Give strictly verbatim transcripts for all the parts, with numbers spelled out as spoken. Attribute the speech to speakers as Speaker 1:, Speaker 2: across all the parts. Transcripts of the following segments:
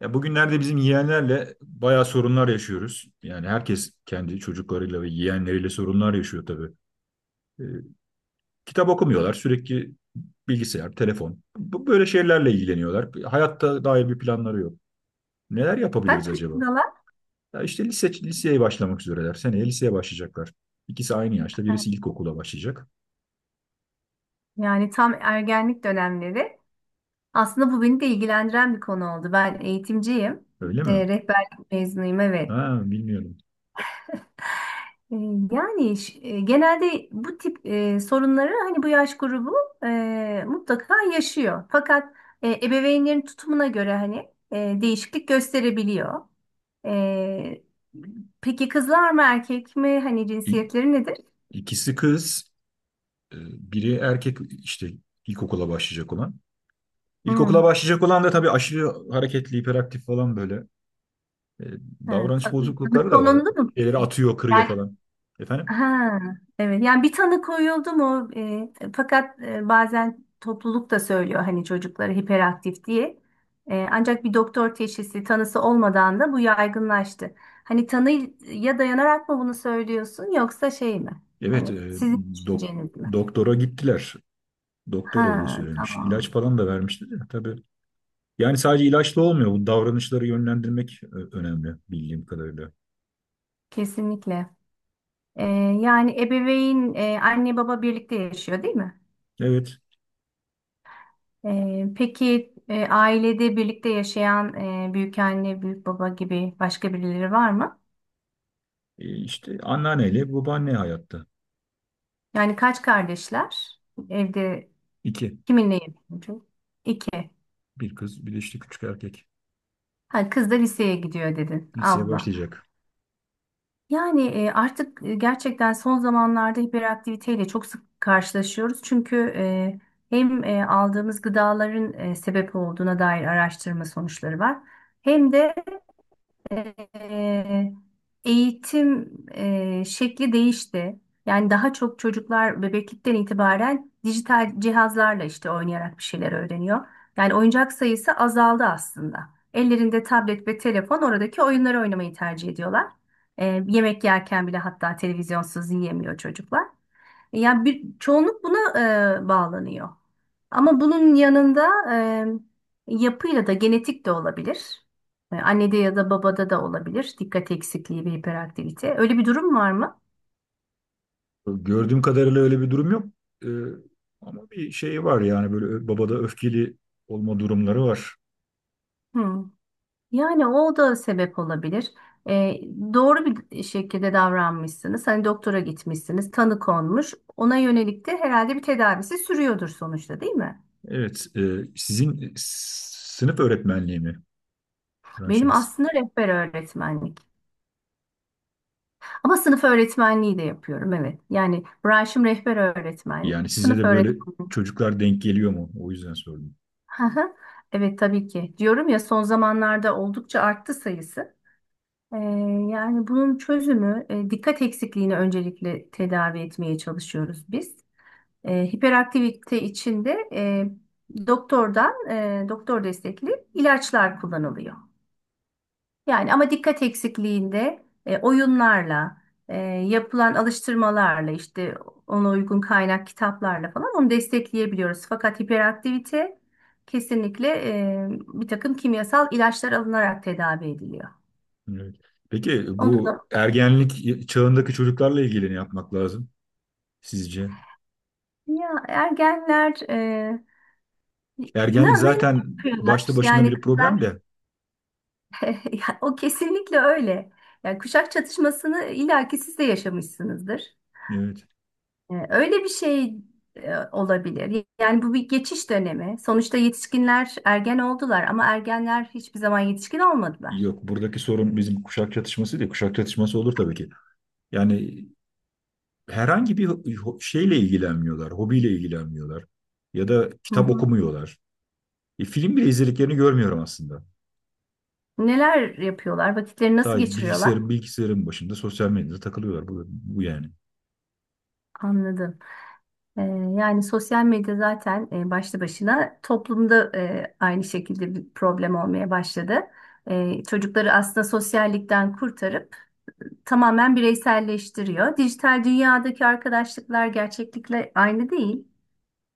Speaker 1: Ya bugünlerde bizim yeğenlerle bayağı sorunlar yaşıyoruz. Yani herkes kendi çocuklarıyla ve yeğenleriyle sorunlar yaşıyor tabii. Ee, kitap okumuyorlar, sürekli bilgisayar, telefon. Bu böyle şeylerle ilgileniyorlar. Hayatta dair bir planları yok. Neler yapabiliriz
Speaker 2: Kaç
Speaker 1: acaba?
Speaker 2: yaşındalar?
Speaker 1: Ya işte lise, liseye başlamak üzereler. Seneye liseye başlayacaklar. İkisi aynı yaşta, birisi ilkokula başlayacak.
Speaker 2: Yani tam ergenlik dönemleri. Aslında bu beni de ilgilendiren bir konu oldu. Ben eğitimciyim.
Speaker 1: Öyle mi?
Speaker 2: E, rehberlik mezunuyum, evet.
Speaker 1: Ha, bilmiyorum.
Speaker 2: E, yani ş- e, Genelde bu tip e, sorunları hani bu yaş grubu e, mutlaka yaşıyor. Fakat e, ebeveynlerin tutumuna göre hani e, değişiklik gösterebiliyor. E, peki kızlar mı erkek mi? Hani
Speaker 1: İ-
Speaker 2: cinsiyetleri nedir?
Speaker 1: İkisi kız, e, biri erkek işte ilkokula başlayacak olan. İlkokula
Speaker 2: Hmm.
Speaker 1: başlayacak olan da tabii aşırı hareketli, hiperaktif falan böyle. E,
Speaker 2: Evet.
Speaker 1: davranış
Speaker 2: Tanı
Speaker 1: bozuklukları da var.
Speaker 2: konuldu mu
Speaker 1: Şeyleri
Speaker 2: peki?
Speaker 1: atıyor, kırıyor falan. Efendim?
Speaker 2: Ha, evet. Yani bir tanı koyuldu mu? E, fakat e, bazen topluluk da söylüyor hani çocukları hiperaktif diye. E, ancak bir doktor teşhisi tanısı olmadan da bu yaygınlaştı. Hani tanıya dayanarak mı bunu söylüyorsun yoksa şey mi?
Speaker 1: Evet,
Speaker 2: Hani
Speaker 1: e,
Speaker 2: sizin
Speaker 1: dok-
Speaker 2: düşünceniz mi?
Speaker 1: doktora gittiler.
Speaker 2: Ha,
Speaker 1: Doktor öyle söylemiş. İlaç
Speaker 2: tamam.
Speaker 1: falan da vermişti de tabii. Yani sadece ilaçla olmuyor. Bu davranışları yönlendirmek ö- önemli bildiğim kadarıyla.
Speaker 2: Kesinlikle. E, yani ebeveyn, e, Anne baba birlikte yaşıyor değil mi?
Speaker 1: Evet,
Speaker 2: Ee, peki, e, ailede birlikte yaşayan e, büyük anne, büyük baba gibi başka birileri var mı?
Speaker 1: e, işte anneanneyle babaanne hayatta.
Speaker 2: Yani kaç kardeşler? Evde
Speaker 1: İki.
Speaker 2: kiminle yaşıyorsun? İki.
Speaker 1: Bir kız, bir de işte küçük erkek.
Speaker 2: Ha, kız da liseye gidiyor dedin.
Speaker 1: Liseye
Speaker 2: Abla.
Speaker 1: başlayacak.
Speaker 2: Yani e, artık e, gerçekten son zamanlarda hiperaktiviteyle çok sık karşılaşıyoruz. Çünkü e, hem e, aldığımız gıdaların e, sebep olduğuna dair araştırma sonuçları var. Hem de e, eğitim e, şekli değişti. Yani daha çok çocuklar bebeklikten itibaren dijital cihazlarla işte oynayarak bir şeyler öğreniyor. Yani oyuncak sayısı azaldı aslında. Ellerinde tablet ve telefon, oradaki oyunları oynamayı tercih ediyorlar. E, yemek yerken bile hatta televizyonsuz yiyemiyor çocuklar. Yani bir çoğunluk buna e, bağlanıyor. Ama bunun yanında e, yapıyla da, genetik de olabilir. E, annede ya da babada da olabilir. Dikkat eksikliği ve hiperaktivite. Öyle bir durum var mı?
Speaker 1: Gördüğüm kadarıyla öyle bir durum yok. Ee, ama bir şey var yani böyle ö- babada öfkeli olma durumları var.
Speaker 2: Hmm. Yani o da sebep olabilir. E, doğru bir şekilde davranmışsınız. Hani doktora gitmişsiniz, tanı konmuş. Ona yönelik de herhalde bir tedavisi sürüyordur sonuçta, değil mi?
Speaker 1: Evet, e, sizin s- sınıf öğretmenliği mi
Speaker 2: Benim
Speaker 1: branşınız?
Speaker 2: aslında rehber öğretmenlik. Ama sınıf öğretmenliği de yapıyorum, evet. Yani branşım rehber öğretmenlik,
Speaker 1: Yani size
Speaker 2: sınıf
Speaker 1: de böyle
Speaker 2: öğretmenliği.
Speaker 1: çocuklar denk geliyor mu? O yüzden sordum.
Speaker 2: Hı hı. Evet tabii ki. Diyorum ya, son zamanlarda oldukça arttı sayısı. Ee, Yani bunun çözümü, e, dikkat eksikliğini öncelikle tedavi etmeye çalışıyoruz biz. Ee, hiperaktivite içinde e, doktordan e, doktor destekli ilaçlar kullanılıyor. Yani ama dikkat eksikliğinde e, oyunlarla, e, yapılan alıştırmalarla işte ona uygun kaynak kitaplarla falan onu destekleyebiliyoruz. Fakat hiperaktivite kesinlikle e, bir takım kimyasal ilaçlar alınarak tedavi ediliyor.
Speaker 1: Evet. Peki
Speaker 2: Onu
Speaker 1: bu
Speaker 2: da
Speaker 1: ergenlik çağındaki çocuklarla ilgili ne yapmak lazım sizce?
Speaker 2: ya, ergenler e, ne,
Speaker 1: Ergenlik
Speaker 2: neler
Speaker 1: zaten
Speaker 2: yapıyorlar?
Speaker 1: başta başına
Speaker 2: Yani
Speaker 1: bir problem
Speaker 2: kızlar
Speaker 1: de.
Speaker 2: ya, o kesinlikle öyle. Yani kuşak çatışmasını illaki siz de yaşamışsınızdır.
Speaker 1: Evet.
Speaker 2: E, Öyle bir şey e, olabilir. Yani bu bir geçiş dönemi. Sonuçta yetişkinler ergen oldular ama ergenler hiçbir zaman yetişkin olmadılar.
Speaker 1: Yok buradaki sorun bizim kuşak çatışması değil. Kuşak çatışması olur tabii ki. Yani herhangi bir şeyle ilgilenmiyorlar, hobiyle ilgilenmiyorlar ya da
Speaker 2: Hı
Speaker 1: kitap
Speaker 2: hı.
Speaker 1: okumuyorlar. E, film bile izlediklerini görmüyorum aslında.
Speaker 2: Neler yapıyorlar? Vakitleri nasıl
Speaker 1: Sadece
Speaker 2: geçiriyorlar?
Speaker 1: bilgisayarın bilgisayarın başında sosyal medyada takılıyorlar. Bu, bu yani.
Speaker 2: Anladım. E, Yani sosyal medya zaten e, başlı başına toplumda e, aynı şekilde bir problem olmaya başladı. E, çocukları aslında sosyallikten kurtarıp tamamen bireyselleştiriyor. Dijital dünyadaki arkadaşlıklar gerçeklikle aynı değil.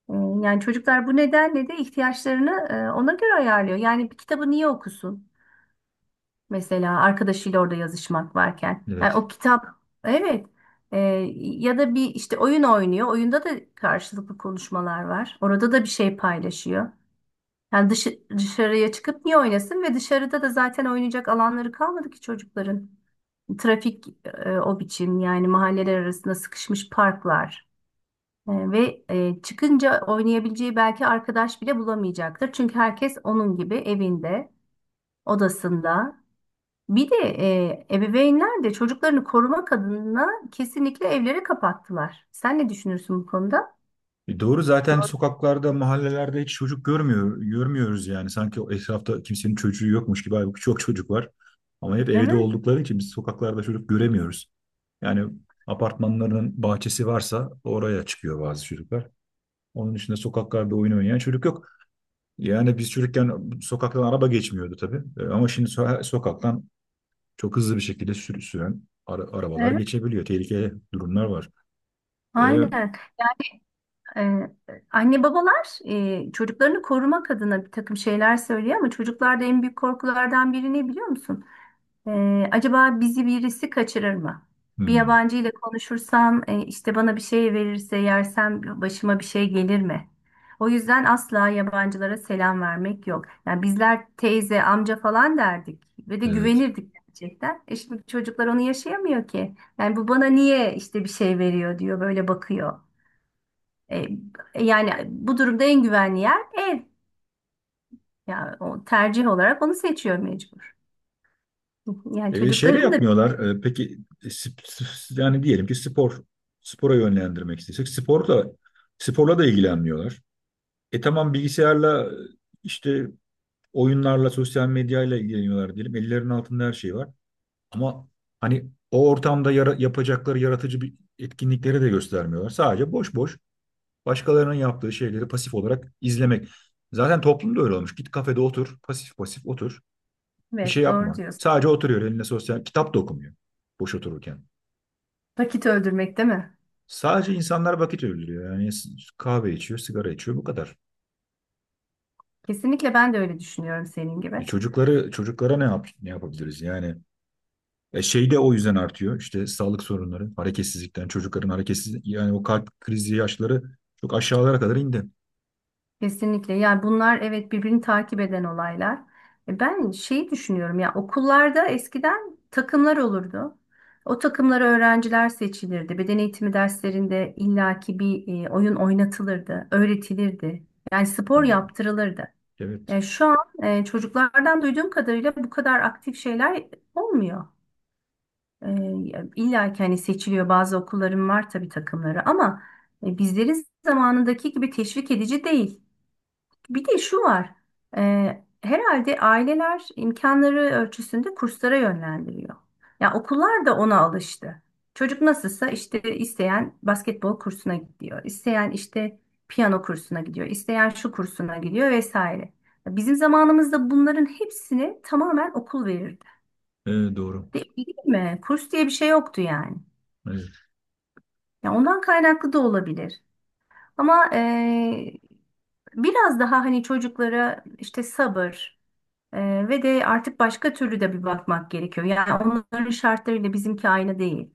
Speaker 2: E, Yani çocuklar bu nedenle de ihtiyaçlarını e, ona göre ayarlıyor. Yani bir kitabı niye okusun? Mesela arkadaşıyla orada yazışmak varken. Yani
Speaker 1: Evet.
Speaker 2: o kitap, evet. E, Ya da bir işte oyun oynuyor. Oyunda da karşılıklı konuşmalar var. Orada da bir şey paylaşıyor. Yani dışı, dışarıya çıkıp niye oynasın? Ve dışarıda da zaten oynayacak alanları kalmadı ki çocukların. Trafik e, o biçim, yani mahalleler arasında sıkışmış parklar. E, Ve e, çıkınca oynayabileceği belki arkadaş bile bulamayacaktır. Çünkü herkes onun gibi evinde, odasında. Bir de e, ebeveynler de çocuklarını korumak adına kesinlikle evleri kapattılar. Sen ne düşünürsün bu konuda?
Speaker 1: E, doğru zaten
Speaker 2: Doğru.
Speaker 1: sokaklarda, mahallelerde hiç çocuk görmüyor, görmüyoruz yani. Sanki o etrafta kimsenin çocuğu yokmuş gibi. Halbuki çok çocuk var. Ama hep evde
Speaker 2: Evet,
Speaker 1: oldukları için biz sokaklarda çocuk göremiyoruz. Yani apartmanlarının bahçesi varsa oraya çıkıyor bazı çocuklar. Onun dışında sokaklarda oyun oynayan çocuk yok. Yani biz çocukken sokaktan araba geçmiyordu tabii. E, Ama şimdi so- sokaktan çok hızlı bir şekilde sür süren ara- arabalar
Speaker 2: evet.
Speaker 1: geçebiliyor. Tehlikeli durumlar var. E,
Speaker 2: Aynen. E, Anne babalar e, çocuklarını korumak adına bir takım şeyler söylüyor ama çocuklarda en büyük korkulardan biri ne biliyor musun? Ee, acaba bizi birisi kaçırır mı? Bir
Speaker 1: hmm,
Speaker 2: yabancı ile konuşursam, e, işte bana bir şey verirse yersem başıma bir şey gelir mi? O yüzden asla yabancılara selam vermek yok. Yani bizler teyze, amca falan derdik ve de
Speaker 1: evet.
Speaker 2: güvenirdik gerçekten. E şimdi çocuklar onu yaşayamıyor ki. Yani bu bana niye işte bir şey veriyor diyor, böyle bakıyor. E, e, Yani bu durumda en güvenli yer ev. Yani o, tercih olarak onu seçiyor mecbur. Yani
Speaker 1: E, şey
Speaker 2: çocukların da
Speaker 1: yapmıyorlar. E, peki e, sp- sp- yani diyelim ki spor spora yönlendirmek istesek sporla sporla da ilgilenmiyorlar. E tamam bilgisayarla işte oyunlarla sosyal medyayla ilgileniyorlar diyelim. Ellerinin altında her şey var. Ama hani o ortamda yara- yapacakları yaratıcı bir etkinlikleri de göstermiyorlar. Sadece boş boş başkalarının yaptığı şeyleri pasif olarak izlemek. Zaten toplumda öyle olmuş. Git kafede otur, pasif pasif otur. Bir şey
Speaker 2: evet, doğru
Speaker 1: yapma.
Speaker 2: diyorsun.
Speaker 1: Sadece oturuyor eline sosyal kitap da okumuyor boş otururken.
Speaker 2: Vakit öldürmek değil mi?
Speaker 1: Sadece insanlar vakit öldürüyor. Yani s- kahve içiyor, sigara içiyor bu kadar.
Speaker 2: Kesinlikle ben de öyle düşünüyorum senin
Speaker 1: E
Speaker 2: gibi.
Speaker 1: çocukları çocuklara ne yap ne yapabiliriz? Yani E, şey de o yüzden artıyor. İşte sağlık sorunları, hareketsizlikten, çocukların hareketsiz yani o kalp krizi yaşları çok aşağılara kadar indi.
Speaker 2: Kesinlikle. Yani bunlar evet birbirini takip eden olaylar. E ben şeyi düşünüyorum, ya okullarda eskiden takımlar olurdu. O takımlara öğrenciler seçilirdi. Beden eğitimi derslerinde illaki bir e, oyun oynatılırdı, öğretilirdi. Yani spor
Speaker 1: Hmm,
Speaker 2: yaptırılırdı.
Speaker 1: evet.
Speaker 2: E, şu an e, çocuklardan duyduğum kadarıyla bu kadar aktif şeyler olmuyor. E, illa ki hani seçiliyor, bazı okulların var tabii takımları ama e, bizleri zamanındaki gibi teşvik edici değil. Bir de şu var. e, Herhalde aileler imkanları ölçüsünde kurslara yönlendiriyor. Ya okullar da ona alıştı. Çocuk nasılsa işte, isteyen basketbol kursuna gidiyor, isteyen işte piyano kursuna gidiyor, isteyen şu kursuna gidiyor vesaire. Bizim zamanımızda bunların hepsini tamamen okul verirdi.
Speaker 1: E, doğru.
Speaker 2: Değil mi? Kurs diye bir şey yoktu yani.
Speaker 1: Evet.
Speaker 2: Ya ondan kaynaklı da olabilir. Ama eee, biraz daha hani çocuklara işte sabır, eee, ve de artık başka türlü de bir bakmak gerekiyor. Yani onların şartlarıyla bizimki aynı değil.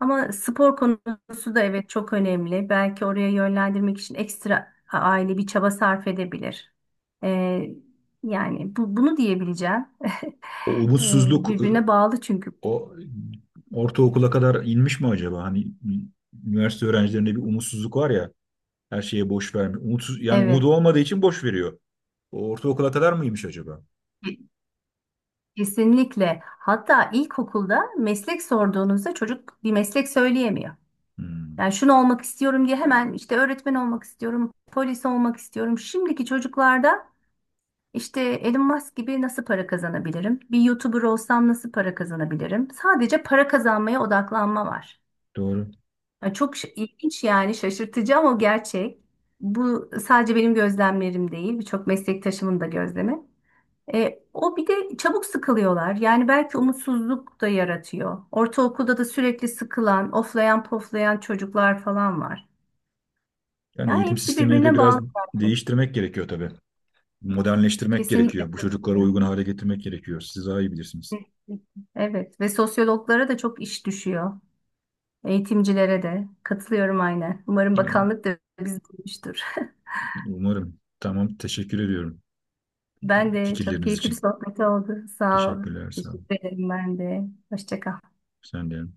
Speaker 2: Ama spor konusu da evet çok önemli. Belki oraya yönlendirmek için ekstra a- aile bir çaba sarf edebilir. Eee, yani bu, bunu diyebileceğim.
Speaker 1: O
Speaker 2: Eee,
Speaker 1: umutsuzluk e,
Speaker 2: Birbirine bağlı çünkü.
Speaker 1: o ortaokula kadar inmiş mi acaba? Hani üniversite öğrencilerinde bir umutsuzluk var ya. Her şeye boş vermiyor. Umutsuz, yani
Speaker 2: Evet.
Speaker 1: umudu olmadığı için boş veriyor. O ortaokula kadar mıymış acaba?
Speaker 2: Kesinlikle. Hatta ilkokulda meslek sorduğunuzda çocuk bir meslek söyleyemiyor.
Speaker 1: Hmm,
Speaker 2: Yani şunu olmak istiyorum diye, hemen işte öğretmen olmak istiyorum, polis olmak istiyorum. Şimdiki çocuklarda işte Elon Musk gibi nasıl para kazanabilirim? Bir YouTuber olsam nasıl para kazanabilirim? Sadece para kazanmaya odaklanma var.
Speaker 1: doğru.
Speaker 2: Yani çok ş- ilginç, yani şaşırtıcı ama gerçek. Bu sadece benim gözlemlerim değil, birçok meslektaşımın da gözlemi. E, o bir de çabuk sıkılıyorlar. Yani belki umutsuzluk da yaratıyor. Ortaokulda da sürekli sıkılan, oflayan poflayan çocuklar falan var.
Speaker 1: Yani
Speaker 2: Yani
Speaker 1: eğitim
Speaker 2: hepsi
Speaker 1: sistemini de
Speaker 2: birbirine
Speaker 1: biraz
Speaker 2: bağlı gerçekten.
Speaker 1: değiştirmek gerekiyor tabii. Modernleştirmek
Speaker 2: Kesinlikle
Speaker 1: gerekiyor. Bu çocuklara
Speaker 2: katılıyorum.
Speaker 1: uygun hale getirmek gerekiyor. Siz daha iyi bilirsiniz.
Speaker 2: Evet, ve sosyologlara da çok iş düşüyor. Eğitimcilere de katılıyorum aynen. Umarım
Speaker 1: Ee,
Speaker 2: bakanlık da bizi duymuştur.
Speaker 1: umarım. Tamam, teşekkür ediyorum
Speaker 2: Ben de, çok
Speaker 1: fikirleriniz
Speaker 2: keyifli bir
Speaker 1: için.
Speaker 2: sohbet oldu. Sağ ol.
Speaker 1: Teşekkürler, sağ olun.
Speaker 2: Teşekkür ederim ben de. Hoşça kal.
Speaker 1: Sen de.